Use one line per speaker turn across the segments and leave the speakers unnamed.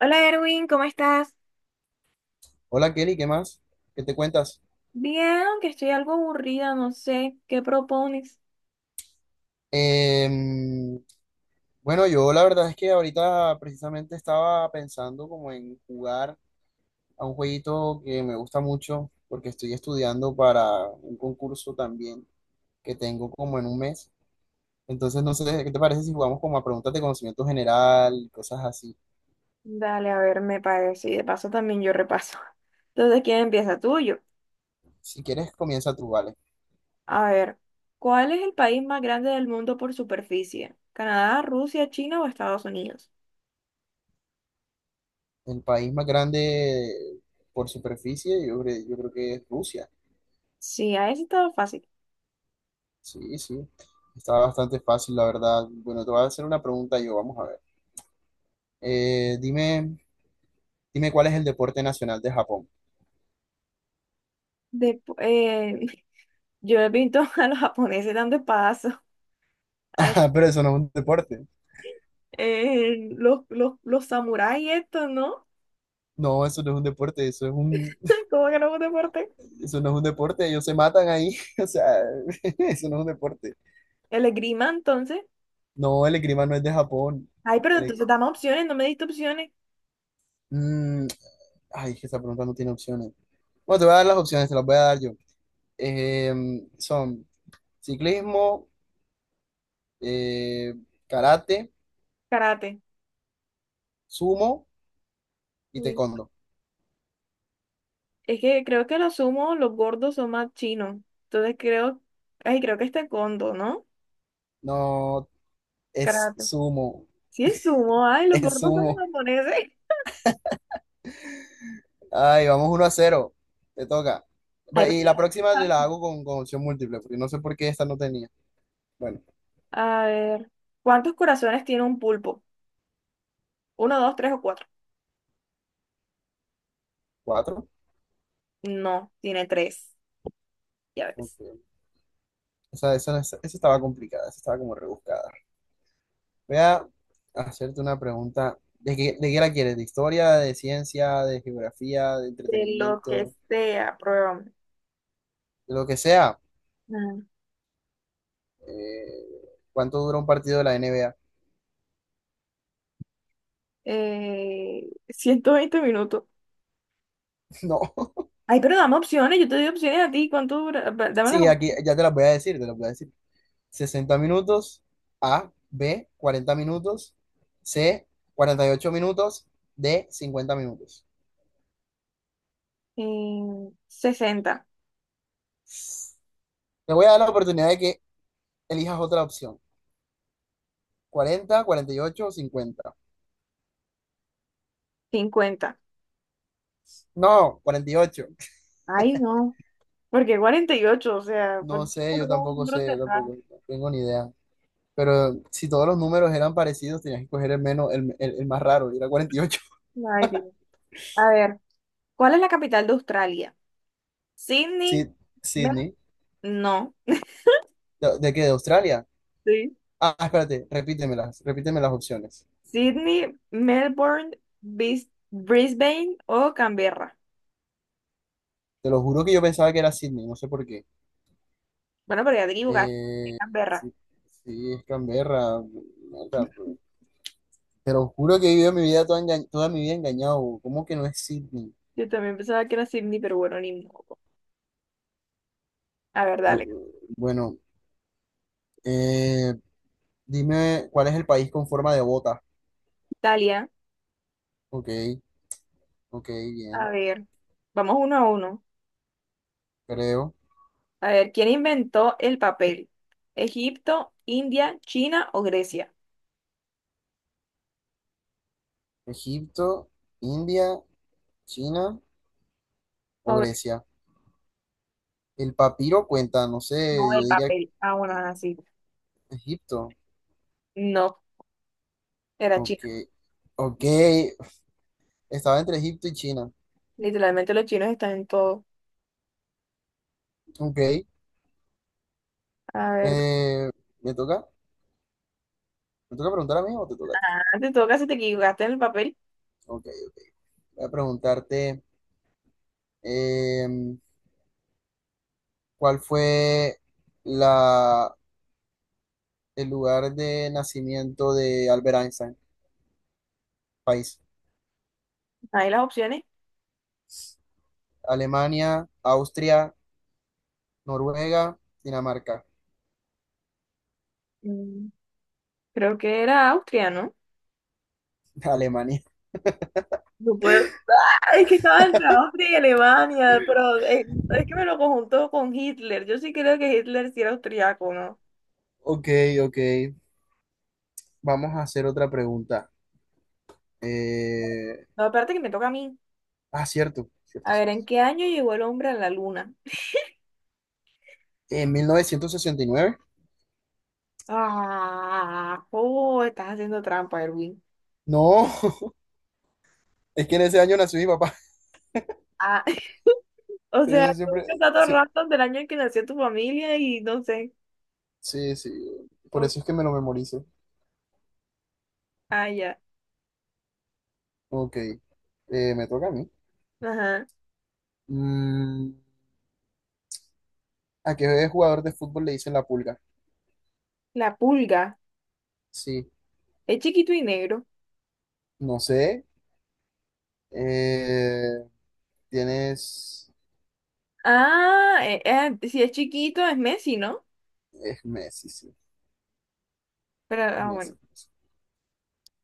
Hola Erwin, ¿cómo estás?
Hola Kelly, ¿qué más? ¿Qué te cuentas?
Bien, que estoy algo aburrida, no sé, ¿qué propones?
Em, bueno, yo la verdad es que ahorita precisamente estaba pensando como en jugar a un jueguito que me gusta mucho porque estoy estudiando para un concurso también que tengo como en un mes. Entonces, no sé, ¿qué te parece si jugamos como a preguntas de conocimiento general y cosas así?
Dale, a ver, me parece, y de paso también yo repaso. Entonces, ¿quién empieza? Tuyo.
Si quieres, comienza tú, vale.
A ver, ¿cuál es el país más grande del mundo por superficie? ¿Canadá, Rusia, China o Estados Unidos?
El país más grande por superficie, yo creo que es Rusia.
Sí, a eso estaba fácil.
Sí, sí. Está bastante fácil, la verdad. Bueno, te voy a hacer una pregunta yo, vamos a ver. Eh, dime, dime cuál es el deporte nacional de Japón.
Depu- eh, yo he visto a los japoneses dando espadazos, a-
Ah, pero eso no es un deporte.
los samuráis estos, ¿no?
No, eso no es un deporte, eso es un,
¿Cómo que no es un deporte?
eso no es un deporte, ellos se matan ahí. O sea, eso no es un deporte.
El esgrima, entonces.
No, el esgrima no es de Japón.
Ay, pero entonces
El-
dame opciones, no me diste opciones.
Mm, Ay, es que esa pregunta no tiene opciones. Bueno, te voy a dar las opciones, te las voy a dar yo. Eh, son ciclismo, eh, karate,
Karate.
sumo y
Uy.
taekwondo.
Es que creo que lo sumo, los gordos son más chinos. Entonces creo, ay, creo que este es taekwondo, ¿no?
No, es
Karate.
sumo,
Sí, es sumo, ay, los
es
gordos son
sumo.
japoneses.
Ay, vamos 1-0. Te toca.
Ay,
Va,
pero
y
ya,
la próxima la
ay.
hago con opción múltiple, porque no sé por qué esta no tenía. Bueno,
A ver, ¿cuántos corazones tiene un pulpo? ¿Uno, dos, tres o cuatro?
4.
No, tiene tres. Ya ves.
Esa estaba complicada, esa estaba como rebuscada. Voy a hacerte una pregunta. ¿De qué la quieres? ¿De historia, de ciencia, de geografía, de
De lo que
entretenimiento,
sea, pruébame.
de lo que sea?
Ah,
Eh, ¿Cuánto dura un partido de la NBA?
120 minutos.
No.
Ay, pero dame opciones, yo te doy opciones a ti. ¿Cuánto dura? Va, dame las
Sí, aquí
opciones.
ya te las voy a decir, te las voy a decir. 60 minutos, A, B, 40 minutos, C, 48 minutos, D, 50 minutos.
En 60.
Te voy a dar la oportunidad de que elijas otra opción. 40, 48 o 50.
50.
No, 48.
Ay, no. Porque 48, o sea, ¿por
No
qué
sé, yo
colocar un
tampoco
número
sé, yo
cerrado?
tampoco tengo ni idea. Pero si todos los números eran parecidos, tenías que coger el menos, el más raro, y era 48.
Ay, Dios. A ver, ¿cuál es la capital de Australia? Sydney,
Sí,
Mel-
Sydney.
no,
¿De qué? ¿De Australia?
sí.
Ah, espérate, repítemelas, repíteme las opciones.
Sydney, Melbourne, Brisbane o Canberra.
Te lo juro que yo pensaba que era Sydney, no sé por qué.
Bueno, pero ya te equivocaste, es
Eh,
Canberra.
sí, sí, es Canberra. Mierda, pero- Te lo juro que he vivido mi vida toda, enga- toda mi vida engañado. Bro. ¿Cómo que no es Sydney?
Yo también pensaba que era Sydney, pero bueno, ni modo. A ver,
Yo,
dale.
Bueno, eh, dime cuál es el país con forma de bota.
Italia,
Ok, ok,
a
bien.
ver, vamos 1-1.
Creo.
A ver, ¿quién inventó el papel? ¿Egipto, India, China o Grecia?
Egipto, India, China
O
o
Gre-
Grecia. El papiro cuenta, no
no,
sé, yo
el
diría
papel. Ah, bueno, así.
Egipto.
No, era
Ok,
China.
ok. Estaba entre Egipto y China.
Literalmente los chinos están en todo.
Ok.
A ver,
eh, ¿me toca? ¿Me toca preguntar a mí o te toca?
antes todo casi te equivocaste en el papel.
Ok, voy a preguntarte, eh, ¿cuál fue la, el lugar de nacimiento de Albert Einstein? País.
Ahí las opciones.
Alemania, Austria, Noruega, Dinamarca.
Mm, Creo que era Austria, ¿no?
Alemania.
No puedo. ¡Ah! Es que estaba entre Austria y Alemania, pero es que me lo conjuntó con Hitler. Yo sí creo que Hitler sí era austriaco, ¿no?
Ok, ok. Vamos a hacer otra pregunta. Eh,
No, aparte que me toca a mí.
ah, cierto, cierto,
A ver,
cierto.
¿en qué año llegó el hombre a la luna?
En 1969.
Ah, oh, estás haciendo trampa, Erwin.
No, es que en ese año nació mi papá.
Ah, o sea,
Yo
todos
siempre.
los datos
Sí,
random del año en que nació tu familia y no sé.
sí, sí. Por
O-
eso es que me lo memorizo.
ah, ya.
Ok, me toca a mí.
Ajá.
Mm, ¿A qué jugador de fútbol le dicen la pulga?
La pulga.
Sí,
Es chiquito y negro.
no sé. Eh, tienes.
Ah, si es chiquito es Messi, ¿no?
Es Messi, sí.
Pero, ah, bueno.
Messi, Messi.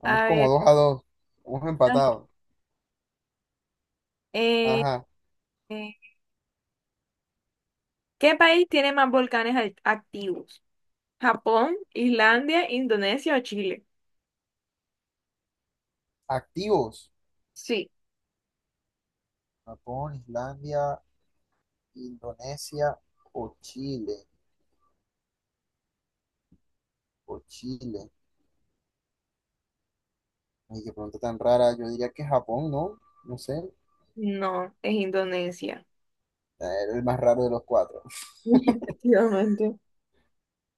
Vamos
A
como
ver.
2-2. Vamos empatados.
Eh,
Ajá.
eh, ¿Qué país tiene más volcanes activos? ¿Japón, Islandia, Indonesia o Chile?
Activos.
Sí.
Japón, Islandia, Indonesia o Chile. O Chile. Ay, qué pregunta tan rara. Yo diría que Japón, ¿no? No sé.
No, es Indonesia.
Era el más raro de los cuatro.
Efectivamente.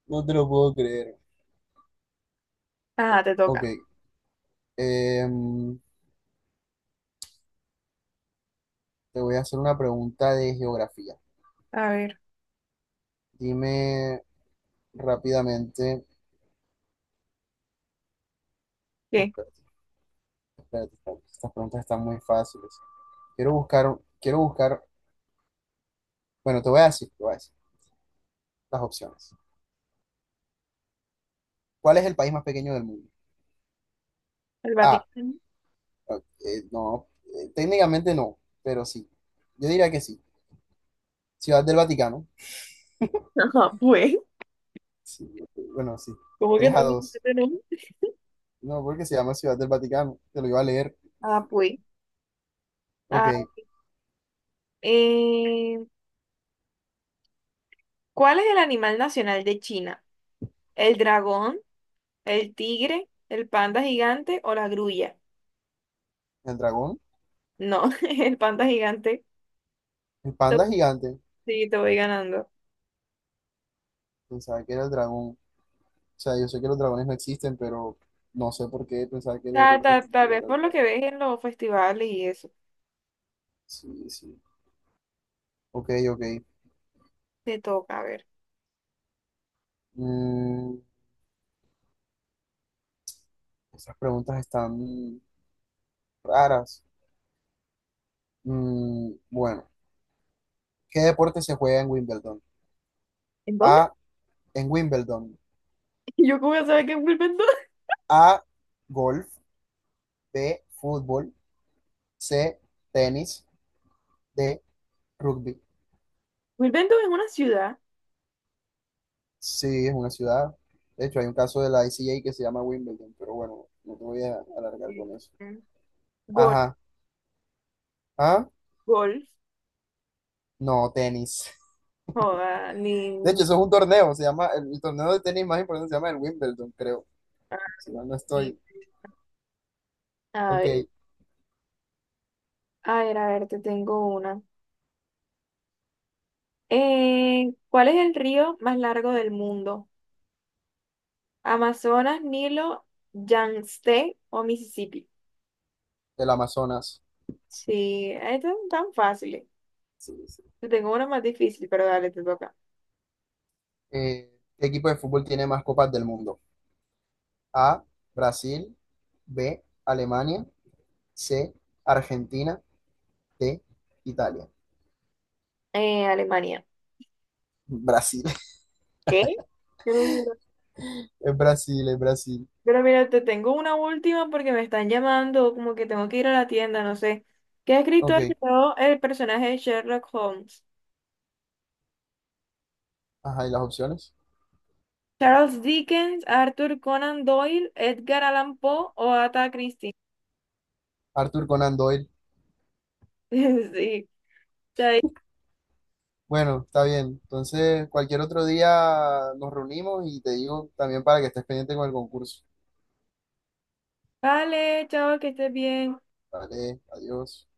No te lo puedo creer.
Ah, te
Ok.
toca.
em, te voy a hacer una pregunta de geografía.
A ver,
Dime rápidamente.
¿qué?
Espérate, espérate, espérate. Estas preguntas están muy fáciles. Quiero buscar, quiero buscar. Bueno, te voy a decir, te voy a decir las opciones. ¿Cuál es el país más pequeño del mundo?
El
A.
Vaticano.
No, técnicamente no, pero sí. Yo diría que sí. Ciudad del Vaticano.
Ajá, pues.
Bueno, sí.
¿Cómo que
3 a
tanto
2.
tenemos?
No, porque se llama Ciudad del Vaticano. Te lo iba a leer.
Ah, pues.
Ok.
Ah,
El
eh, ¿cuál es el animal nacional de China? ¿El dragón? ¿El tigre? ¿El panda gigante o la grulla?
dragón.
No, el panda gigante.
El
Te-
panda gigante.
Sí, te voy ganando.
Pensaba que era el dragón. O sea, yo sé que los dragones no existen, pero no sé por qué pensaba que lo
Ta ta tal
representativo
vez
era el
por lo
dragón.
que ves en los festivales y eso.
Sí, sí. Ok, ok.
Te toca, a ver.
Mm, Estas preguntas están raras. Bueno, ¿qué deporte se juega en Wimbledon?
¿En dónde?
A, en Wimbledon.
¿Yo cómo voy a saber que es Wilmington?
A, golf. B, fútbol. C, tenis. D, rugby.
Wilmington es una ciudad.
Sí, es una ciudad. De hecho, hay un caso de la ICJ que se llama Wimbledon, pero bueno, no te voy a alargar
Sí.
con eso.
Golf,
Ajá. ¿Ah?
golf.
No, tenis.
Joda, ni,
De hecho, eso es un torneo, se llama, el torneo de tenis más importante se llama el Wimbledon, creo,
ah,
si mal no
sí.
estoy.
A
Ok,
ver, a ver, a ver, te tengo una. ¿Cuál es el río más largo del mundo? ¿Amazonas, Nilo, Yangtze o Mississippi?
el Amazonas.
Sí, estas son tan fáciles.
Sí, sí.
Te tengo una más difícil, pero dale, te toca.
¿Qué equipo de fútbol tiene más copas del mundo? A, Brasil, B, Alemania, C, Argentina, D, Italia.
Alemania.
Brasil,
¿Qué? Yo lo juro.
es Brasil, es Brasil.
Pero mira, te tengo una última porque me están llamando, como que tengo que ir a la tienda, no sé. ¿Qué escritor
Ok,
creó el personaje de Sherlock Holmes?
ajá, ¿y las opciones?
Charles Dickens, Arthur Conan Doyle, Edgar Allan Poe o Agatha Christie.
Arthur Conan Doyle.
Sí. Chai.
Bueno, está bien. Entonces, cualquier otro día nos reunimos y te digo también para que estés pendiente con el concurso.
Vale, chao, que estés bien.
Vale, adiós.